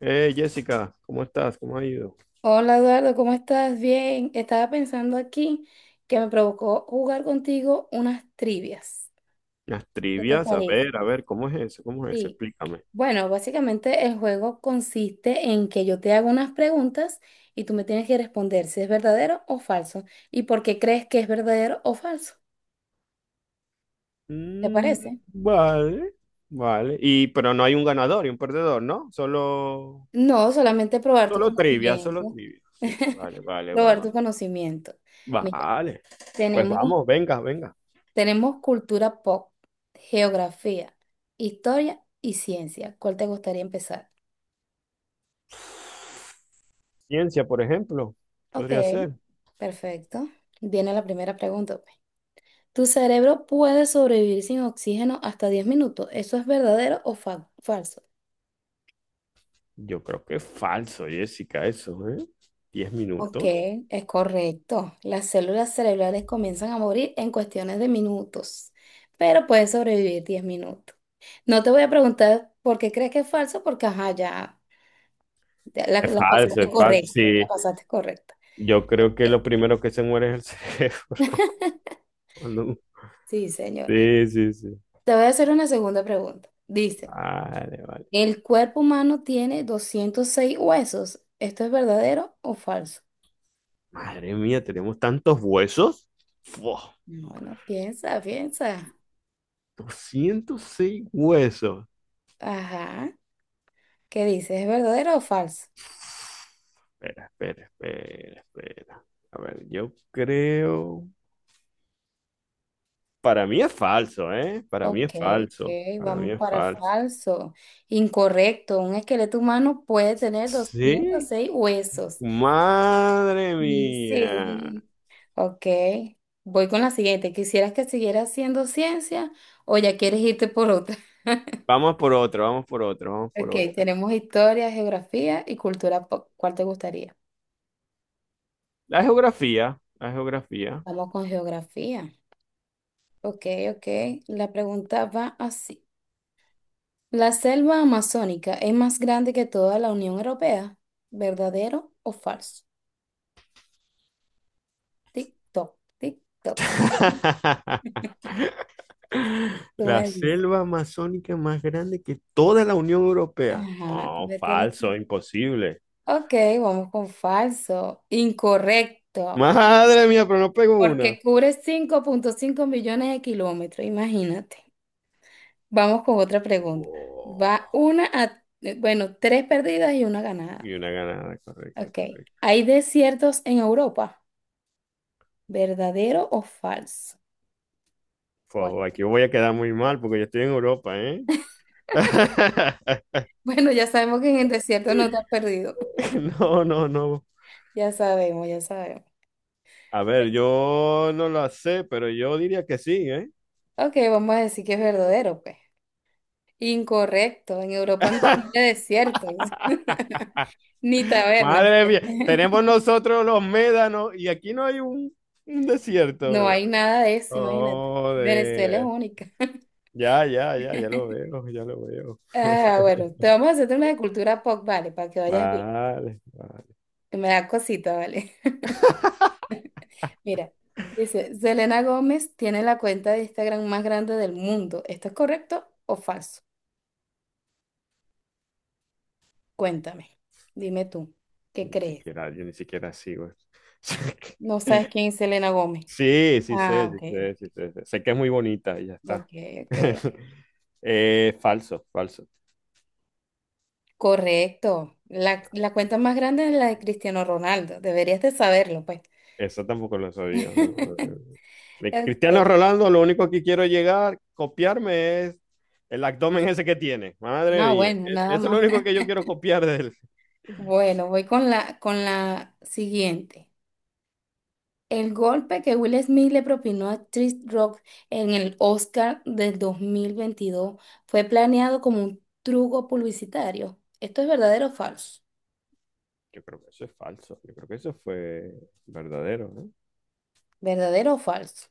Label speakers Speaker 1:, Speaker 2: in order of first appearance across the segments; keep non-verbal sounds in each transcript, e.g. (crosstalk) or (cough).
Speaker 1: Jessica, ¿cómo estás? ¿Cómo ha ido?
Speaker 2: Hola Eduardo, ¿cómo estás? Bien, estaba pensando aquí que me provocó jugar contigo unas trivias.
Speaker 1: Las
Speaker 2: ¿Qué te
Speaker 1: trivias,
Speaker 2: parece?
Speaker 1: a ver, ¿cómo es eso? ¿Cómo es eso?
Speaker 2: Sí.
Speaker 1: Explícame.
Speaker 2: Bueno, básicamente el juego consiste en que yo te hago unas preguntas y tú me tienes que responder si es verdadero o falso y por qué crees que es verdadero o falso. ¿Te
Speaker 1: Mm,
Speaker 2: parece?
Speaker 1: vale, vale. Y pero no hay un ganador y un perdedor, ¿no? Solo,
Speaker 2: No, solamente probar tu
Speaker 1: solo trivias, solo
Speaker 2: conocimiento.
Speaker 1: trivias. Sí,
Speaker 2: (laughs)
Speaker 1: vale, vale,
Speaker 2: Probar tu
Speaker 1: vale.
Speaker 2: conocimiento. Mira,
Speaker 1: Vale. Pues
Speaker 2: tenemos
Speaker 1: vamos, venga, venga.
Speaker 2: Tenemos cultura pop, geografía, historia y ciencia. ¿Cuál te gustaría empezar?
Speaker 1: Ciencia, por ejemplo,
Speaker 2: Ok,
Speaker 1: podría ser.
Speaker 2: perfecto. Viene la primera pregunta, pues. ¿Tu cerebro puede sobrevivir sin oxígeno hasta 10 minutos? ¿Eso es verdadero o falso?
Speaker 1: Yo creo que es falso, Jessica, eso, ¿eh? Diez
Speaker 2: Ok,
Speaker 1: minutos.
Speaker 2: es correcto. Las células cerebrales comienzan a morir en cuestiones de minutos, pero puedes sobrevivir 10 minutos. No te voy a preguntar por qué crees que es falso, porque ajá, ya
Speaker 1: Es
Speaker 2: la
Speaker 1: falso,
Speaker 2: pasaste
Speaker 1: es falso.
Speaker 2: correcta, la
Speaker 1: Sí,
Speaker 2: pasaste correcta.
Speaker 1: yo creo que
Speaker 2: Eh,
Speaker 1: lo primero que se muere es el cerebro. (laughs) cuando-
Speaker 2: Sí, señor.
Speaker 1: Sí, sí, sí.
Speaker 2: Te voy a hacer una segunda pregunta. Dice,
Speaker 1: Vale, vale.
Speaker 2: ¿el cuerpo humano tiene 206 huesos? ¿Esto es verdadero o falso?
Speaker 1: Madre mía, tenemos tantos huesos. Fu,
Speaker 2: Bueno, piensa, piensa.
Speaker 1: 206 huesos.
Speaker 2: Ajá. ¿Qué dice? ¿Es verdadero o falso?
Speaker 1: Espera, espera, espera, espera. A ver, yo creo. Para mí es falso, ¿eh? Para mí
Speaker 2: Ok,
Speaker 1: es falso.
Speaker 2: ok,
Speaker 1: Para mí
Speaker 2: vamos
Speaker 1: es
Speaker 2: para
Speaker 1: falso.
Speaker 2: falso. Incorrecto. Un esqueleto humano puede tener doscientos
Speaker 1: ¿Sí?
Speaker 2: seis huesos.
Speaker 1: Madre
Speaker 2: Sí,
Speaker 1: mía.
Speaker 2: sí. Ok. Voy con la siguiente. ¿Quisieras que siguiera haciendo ciencia o ya quieres irte por otra?
Speaker 1: Vamos por otro, vamos por otro, vamos por
Speaker 2: Ok,
Speaker 1: otra.
Speaker 2: tenemos historia, geografía y cultura pop. ¿Cuál te gustaría?
Speaker 1: La geografía, la geografía.
Speaker 2: Vamos con geografía. Ok, ok. La pregunta va así. ¿La selva amazónica es más grande que toda la Unión Europea? ¿Verdadero o falso? Tic-toc, tic-toc.
Speaker 1: (laughs)
Speaker 2: Tú me
Speaker 1: La
Speaker 2: dices.
Speaker 1: selva amazónica más grande que toda la Unión Europea.
Speaker 2: Ajá, tú
Speaker 1: No,
Speaker 2: me tienes- que-
Speaker 1: falso, imposible.
Speaker 2: Ok, vamos con falso. Incorrecto.
Speaker 1: Madre mía, pero no pego una.
Speaker 2: Porque cubre 5,5 millones de kilómetros, imagínate. Vamos con otra pregunta.
Speaker 1: Oh,
Speaker 2: Va una a, bueno, tres perdidas y una
Speaker 1: y
Speaker 2: ganada.
Speaker 1: una ganada, correcto,
Speaker 2: Ok.
Speaker 1: correcto.
Speaker 2: ¿Hay desiertos en Europa? ¿Verdadero o falso? Bueno,
Speaker 1: Fua, aquí voy a quedar muy mal porque yo estoy en Europa, ¿eh?
Speaker 2: (laughs)
Speaker 1: (laughs)
Speaker 2: bueno, ya sabemos que en el desierto no te has perdido. (laughs)
Speaker 1: No, no, no.
Speaker 2: Ya sabemos, ya sabemos.
Speaker 1: A ver, yo no lo sé, pero yo diría que sí, ¿eh?
Speaker 2: Ok, vamos a decir que es verdadero, pues. Incorrecto. En Europa no hay desiertos,
Speaker 1: (laughs)
Speaker 2: (laughs) ni tabernas,
Speaker 1: Madre
Speaker 2: pues.
Speaker 1: mía,
Speaker 2: (laughs)
Speaker 1: tenemos nosotros los médanos y aquí no hay un desierto.
Speaker 2: No hay nada de eso, imagínate. Venezuela es
Speaker 1: Joder.
Speaker 2: única. (laughs)
Speaker 1: Ya, ya, ya, ya lo veo, ya lo veo.
Speaker 2: Ah,
Speaker 1: (laughs)
Speaker 2: bueno, te vamos a hacer una de cultura pop, vale, para que vayas bien.
Speaker 1: Vale, vale.
Speaker 2: Me da cosita, ¿vale? (laughs) Mira, dice, Selena Gómez tiene la cuenta de Instagram más grande del mundo. ¿Esto es correcto o falso? Cuéntame, dime tú, ¿qué
Speaker 1: Ni
Speaker 2: crees?
Speaker 1: siquiera, yo ni siquiera sigo.
Speaker 2: ¿No
Speaker 1: (laughs)
Speaker 2: sabes quién es Selena Gómez?
Speaker 1: Sí, sí
Speaker 2: Ah,
Speaker 1: sé, sí
Speaker 2: ok,
Speaker 1: sé, sí sé. Sí, sé que es muy bonita y ya está.
Speaker 2: ok, ok.
Speaker 1: (laughs) Falso, falso.
Speaker 2: Correcto. La cuenta más grande es la de Cristiano Ronaldo. Deberías de saberlo, pues.
Speaker 1: Eso tampoco lo sabía.
Speaker 2: (laughs)
Speaker 1: De Cristiano
Speaker 2: Ok.
Speaker 1: Ronaldo, lo único que quiero llegar, copiarme es el abdomen ese que tiene. Madre
Speaker 2: No,
Speaker 1: mía.
Speaker 2: bueno, nada
Speaker 1: Eso es lo
Speaker 2: más.
Speaker 1: único
Speaker 2: (laughs)
Speaker 1: que yo quiero copiar de él.
Speaker 2: Bueno, voy con con la siguiente. El golpe que Will Smith le propinó a Chris Rock en el Oscar del 2022 fue planeado como un truco publicitario. ¿Esto es verdadero o falso?
Speaker 1: Yo creo que eso es falso. Yo creo que eso fue verdadero, ¿no?
Speaker 2: ¿Verdadero o falso?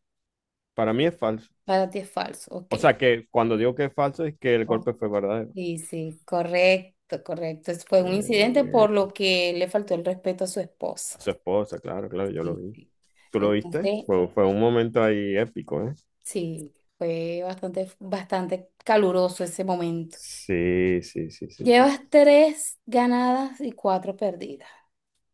Speaker 1: Para mí es falso.
Speaker 2: Para ti es falso, ok.
Speaker 1: O sea, que cuando digo que es falso es que el
Speaker 2: Oh,
Speaker 1: golpe fue verdadero.
Speaker 2: sí, sí, correcto, correcto. Fue un incidente
Speaker 1: Eh,
Speaker 2: por lo que le faltó el respeto a su esposa.
Speaker 1: a su esposa, claro, claro, yo lo
Speaker 2: Sí,
Speaker 1: vi.
Speaker 2: sí.
Speaker 1: ¿Tú lo viste?
Speaker 2: Entonces,
Speaker 1: Fue un momento ahí épico, ¿eh?
Speaker 2: sí, fue bastante, bastante caluroso ese momento.
Speaker 1: Sí, sí, sí, sí, sí,
Speaker 2: Llevas
Speaker 1: sí.
Speaker 2: tres ganadas y cuatro perdidas.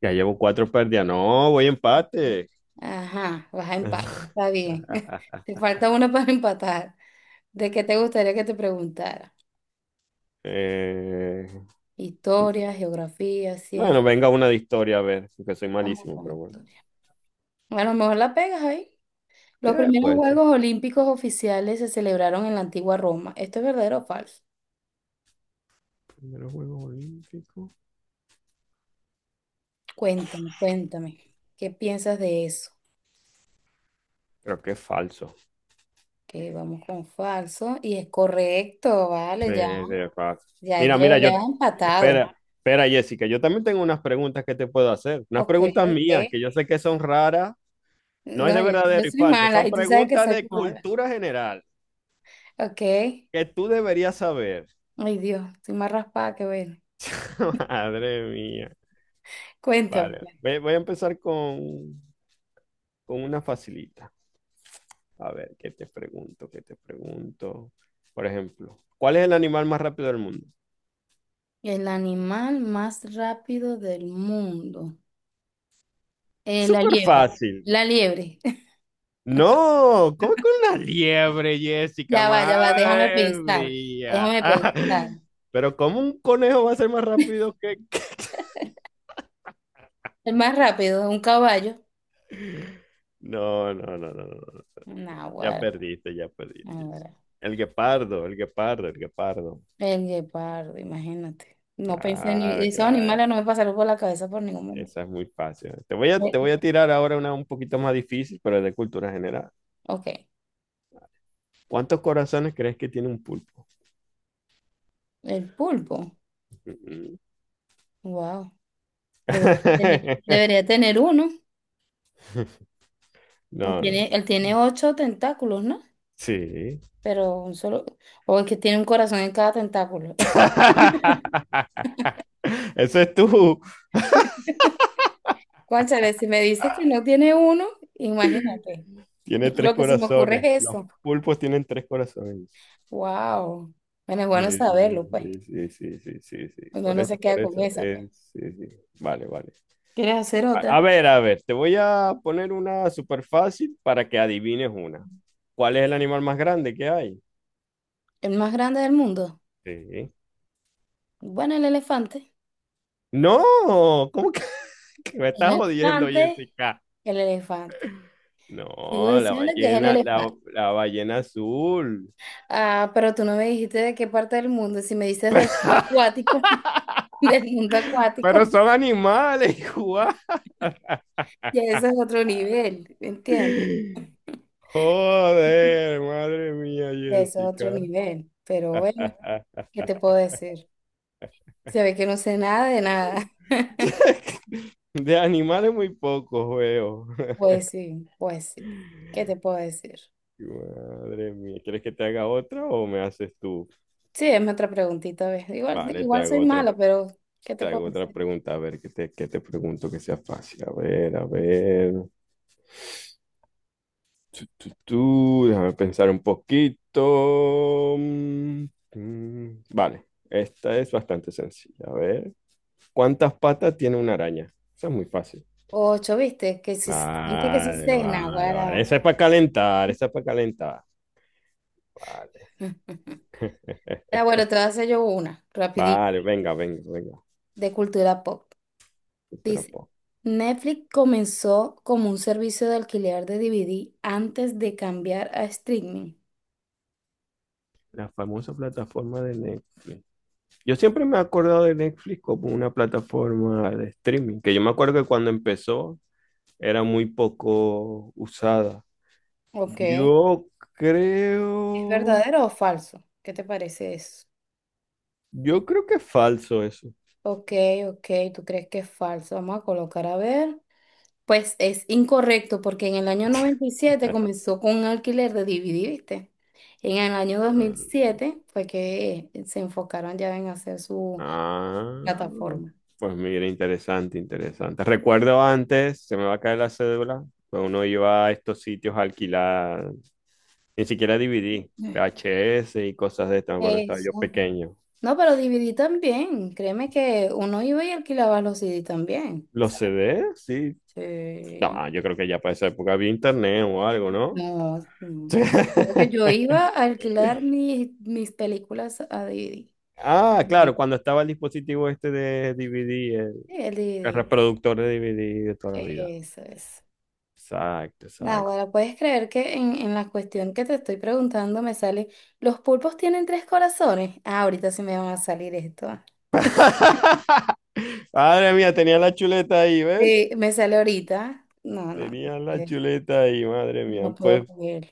Speaker 1: Ya llevo cuatro pérdidas. No, voy empate.
Speaker 2: Ajá, vas a empatar, está bien. (laughs)
Speaker 1: (laughs)
Speaker 2: Te falta una para empatar. ¿De qué te gustaría que te preguntara?
Speaker 1: Eh,
Speaker 2: Historia, geografía, ciencia.
Speaker 1: bueno, venga una de historia, a ver, que soy
Speaker 2: Vamos
Speaker 1: malísimo,
Speaker 2: con
Speaker 1: pero bueno.
Speaker 2: historia. A lo mejor la pegas ahí. Los
Speaker 1: ¿Qué
Speaker 2: primeros
Speaker 1: puede ser?
Speaker 2: Juegos Olímpicos oficiales se celebraron en la antigua Roma. ¿Esto es verdadero o falso?
Speaker 1: Primero juego olímpico.
Speaker 2: Cuéntame, cuéntame. ¿Qué piensas de eso?
Speaker 1: Creo que es falso.
Speaker 2: Que vamos con falso y es correcto,
Speaker 1: Sí,
Speaker 2: vale, ya,
Speaker 1: de fácil.
Speaker 2: ya
Speaker 1: Mira,
Speaker 2: llevo,
Speaker 1: mira, yo,
Speaker 2: ya vas empatado.
Speaker 1: espera, espera, Jessica, yo también tengo unas preguntas que te puedo hacer, unas
Speaker 2: Ok,
Speaker 1: preguntas
Speaker 2: ok.
Speaker 1: mías que yo sé que son raras, no es
Speaker 2: No,
Speaker 1: de
Speaker 2: yo
Speaker 1: verdadero y
Speaker 2: soy
Speaker 1: falso,
Speaker 2: mala
Speaker 1: son
Speaker 2: y tú sabes que
Speaker 1: preguntas
Speaker 2: soy
Speaker 1: de
Speaker 2: mala.
Speaker 1: cultura general
Speaker 2: Ok.
Speaker 1: que tú deberías saber.
Speaker 2: Ay Dios, estoy más raspada que ver.
Speaker 1: (laughs) Madre mía.
Speaker 2: Cuéntame,
Speaker 1: Vale,
Speaker 2: pues.
Speaker 1: voy a empezar con una facilita. A ver, ¿qué te pregunto? ¿Qué te pregunto? Por ejemplo, ¿cuál es el animal más rápido del mundo?
Speaker 2: El animal más rápido del mundo. La
Speaker 1: Súper
Speaker 2: liebre.
Speaker 1: fácil.
Speaker 2: La liebre. (laughs)
Speaker 1: No, ¿cómo con una liebre, Jessica?
Speaker 2: Ya va, déjame
Speaker 1: Madre
Speaker 2: pensar.
Speaker 1: mía.
Speaker 2: Déjame pensar.
Speaker 1: (laughs) Pero ¿cómo un conejo va a ser más rápido que. (laughs)
Speaker 2: El más rápido, un caballo.
Speaker 1: No, no, no, no, no. No. Ya
Speaker 2: Naguará,
Speaker 1: perdiste, ya perdiste. Jessica.
Speaker 2: naguará.
Speaker 1: El guepardo, el guepardo, el guepardo.
Speaker 2: El guepardo, imagínate. No pensé ni,
Speaker 1: Claro,
Speaker 2: esos
Speaker 1: claro.
Speaker 2: animales no me pasaron por la cabeza por ningún momento.
Speaker 1: Esa es muy fácil. Te voy a,
Speaker 2: Eh,
Speaker 1: te voy a tirar ahora una un poquito más difícil, pero es de cultura general.
Speaker 2: Ok.
Speaker 1: ¿Cuántos corazones crees que tiene un pulpo?
Speaker 2: El pulpo.
Speaker 1: Mm,
Speaker 2: Wow.
Speaker 1: mm. (laughs)
Speaker 2: Debería tener uno.
Speaker 1: No, no.
Speaker 2: Tiene, él tiene ocho tentáculos, ¿no?
Speaker 1: Sí.
Speaker 2: Pero un solo, o es que tiene un corazón en cada tentáculo. (laughs)
Speaker 1: (laughs) Eso es tú. (laughs)
Speaker 2: Cónchale, si me dices que no tiene uno, imagínate,
Speaker 1: Tiene
Speaker 2: (laughs)
Speaker 1: tres
Speaker 2: lo que se me ocurre
Speaker 1: corazones.
Speaker 2: es
Speaker 1: Los
Speaker 2: eso.
Speaker 1: pulpos tienen tres corazones.
Speaker 2: Wow. Bueno, es bueno
Speaker 1: Sí,
Speaker 2: saberlo, pues.
Speaker 1: sí, sí, sí, sí, sí, sí.
Speaker 2: Uno
Speaker 1: Por
Speaker 2: no
Speaker 1: eso,
Speaker 2: se
Speaker 1: por
Speaker 2: queda con
Speaker 1: eso.
Speaker 2: esa, pues.
Speaker 1: Sí, sí. Vale, vale.
Speaker 2: ¿Quieres hacer
Speaker 1: A
Speaker 2: otra?
Speaker 1: a ver, a ver, te voy a poner una súper fácil para que adivines una. ¿Cuál es el animal más grande que hay?
Speaker 2: El más grande del mundo.
Speaker 1: Sí.
Speaker 2: Bueno, el elefante.
Speaker 1: No, ¿cómo que (laughs) que me
Speaker 2: El
Speaker 1: estás jodiendo,
Speaker 2: elefante,
Speaker 1: Jessica?
Speaker 2: el elefante.
Speaker 1: No,
Speaker 2: Digo
Speaker 1: la
Speaker 2: diciendo que es el
Speaker 1: ballena, la,
Speaker 2: elefante.
Speaker 1: la ballena azul.
Speaker 2: Ah, pero tú no me dijiste de qué parte del mundo. Si me dices del mundo acuático, (laughs) del mundo acuático,
Speaker 1: Pero son animales, (laughs) igual.
Speaker 2: ya ese es otro nivel, ¿entiendes?
Speaker 1: Joder, madre mía,
Speaker 2: Ya eso es otro
Speaker 1: Jessica.
Speaker 2: nivel, pero bueno, ¿qué te puedo
Speaker 1: (laughs)
Speaker 2: decir? Se ve que no sé nada de nada. (laughs)
Speaker 1: De animales muy pocos veo.
Speaker 2: Pues sí, pues sí. ¿Qué te puedo decir?
Speaker 1: Madre mía, ¿quieres que te haga otra o me haces tú?
Speaker 2: Sí, es otra preguntita, ¿ves? Igual,
Speaker 1: Vale, te
Speaker 2: igual
Speaker 1: hago
Speaker 2: soy
Speaker 1: otra,
Speaker 2: mala, pero ¿qué
Speaker 1: te
Speaker 2: te puedo
Speaker 1: hago otra
Speaker 2: decir?
Speaker 1: pregunta, a ver, que te pregunto que sea fácil. A ver, a ver. Tú, déjame pensar un poquito. Mm, mm, vale, esta es bastante sencilla. A ver, ¿cuántas patas tiene una araña? Esa es muy fácil.
Speaker 2: Ocho, ¿viste? Que si, viste que sí
Speaker 1: Vale,
Speaker 2: sé,
Speaker 1: vale, vale.
Speaker 2: naguará.
Speaker 1: Esa es para calentar, esa es para calentar. Vale.
Speaker 2: (laughs)
Speaker 1: (laughs)
Speaker 2: Ah, bueno, te voy a hacer yo una, rapidito,
Speaker 1: Vale, venga, venga, venga.
Speaker 2: de cultura pop.
Speaker 1: Pero
Speaker 2: Dice,
Speaker 1: po-
Speaker 2: Netflix comenzó como un servicio de alquiler de DVD antes de cambiar a streaming.
Speaker 1: La famosa plataforma de Netflix. Yo siempre me he acordado de Netflix como una plataforma de streaming, que yo me acuerdo que cuando empezó era muy poco usada.
Speaker 2: Ok.
Speaker 1: Yo
Speaker 2: ¿Es
Speaker 1: creo,
Speaker 2: verdadero o falso? ¿Qué te parece eso?
Speaker 1: yo creo que es falso eso.
Speaker 2: Ok, ok, tú crees que es falso. Vamos a colocar a ver. Pues es incorrecto porque en el año 97
Speaker 1: (laughs)
Speaker 2: comenzó con un alquiler de DVD, ¿viste? En el año 2007 fue que se enfocaron ya en hacer su
Speaker 1: Ah,
Speaker 2: plataforma.
Speaker 1: pues mira, interesante, interesante. Recuerdo antes, se me va a caer la cédula, pues uno iba a estos sitios a alquilar, ni siquiera DVD,
Speaker 2: Eh.
Speaker 1: VHS y cosas de estas, me acuerdo que estaba yo
Speaker 2: Eso.
Speaker 1: pequeño.
Speaker 2: No, pero DVD también. Créeme que uno iba y alquilaba los CD también. O
Speaker 1: ¿Los
Speaker 2: sea,
Speaker 1: CD? Sí.
Speaker 2: sí.
Speaker 1: No, yo creo que ya para esa época había internet o algo, ¿no?
Speaker 2: No,
Speaker 1: Sí.
Speaker 2: me acuerdo que yo iba
Speaker 1: (laughs)
Speaker 2: a alquilar mis películas a
Speaker 1: Ah,
Speaker 2: DVD.
Speaker 1: claro,
Speaker 2: Sí.
Speaker 1: cuando estaba el dispositivo este de DVD, el,
Speaker 2: Sí, el
Speaker 1: el
Speaker 2: DVD.
Speaker 1: reproductor de DVD de toda la vida.
Speaker 2: Eso es.
Speaker 1: Exacto,
Speaker 2: Nah,
Speaker 1: exacto.
Speaker 2: bueno, puedes creer que en la cuestión que te estoy preguntando me sale, ¿los pulpos tienen tres corazones? Ah, ahorita sí me van a salir esto.
Speaker 1: (laughs) Madre mía, tenía la chuleta ahí, ¿ves?
Speaker 2: Sí, me sale ahorita. No, no,
Speaker 1: Tenía la chuleta ahí, madre mía.
Speaker 2: no puedo
Speaker 1: Pues,
Speaker 2: creer.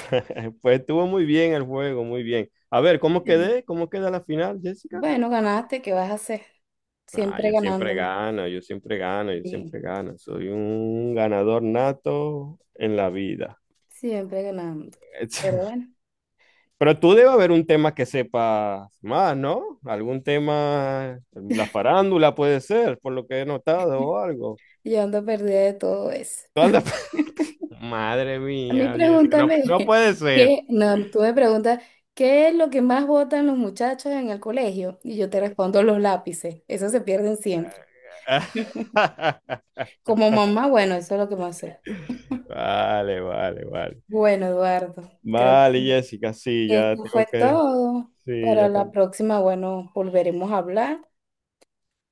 Speaker 1: (laughs) pues estuvo muy bien el juego, muy bien. A ver, ¿cómo
Speaker 2: Eh,
Speaker 1: quedé? ¿Cómo queda la final, Jessica?
Speaker 2: Bueno, ganaste, ¿qué vas a hacer?
Speaker 1: Ah,
Speaker 2: Siempre
Speaker 1: yo siempre
Speaker 2: ganándome.
Speaker 1: gano, yo siempre gano, yo
Speaker 2: Sí,
Speaker 1: siempre gano. Soy un ganador nato en la vida.
Speaker 2: siempre ganando. Pero
Speaker 1: (laughs)
Speaker 2: bueno.
Speaker 1: Pero tú debe haber un tema que sepas más, ¿no? Algún tema, la farándula puede ser, por lo que he notado o algo.
Speaker 2: Yo ando perdida de todo eso.
Speaker 1: Tú andas. (laughs) Madre
Speaker 2: A mí
Speaker 1: mía, Jessica, no,
Speaker 2: pregúntame,
Speaker 1: no
Speaker 2: (laughs)
Speaker 1: puede ser.
Speaker 2: ¿qué? No, tú me preguntas, ¿qué es lo que más votan los muchachos en el colegio? Y yo te respondo los lápices. Esos se pierden siempre.
Speaker 1: (laughs)
Speaker 2: Como mamá, bueno, eso es lo que más sé.
Speaker 1: Vale, vale, vale.
Speaker 2: Bueno, Eduardo, creo
Speaker 1: Vale,
Speaker 2: que
Speaker 1: Jessica, sí, ya
Speaker 2: esto fue
Speaker 1: tengo que,
Speaker 2: todo.
Speaker 1: sí,
Speaker 2: Para
Speaker 1: ya
Speaker 2: la
Speaker 1: tengo.
Speaker 2: próxima, bueno, volveremos a hablar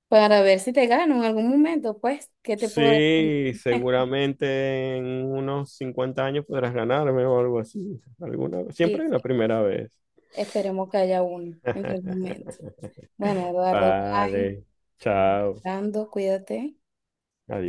Speaker 2: para ver si te gano en algún momento, pues, ¿qué te puedo decir?
Speaker 1: Sí,
Speaker 2: (laughs)
Speaker 1: seguramente en unos 50 años podrás ganarme o algo así. Alguna,
Speaker 2: Sí,
Speaker 1: siempre la primera vez.
Speaker 2: esperemos que haya uno en algún momento. Bueno,
Speaker 1: (laughs)
Speaker 2: Eduardo, bye.
Speaker 1: Vale,
Speaker 2: Estamos
Speaker 1: chao,
Speaker 2: hablando, cuídate.
Speaker 1: adiós.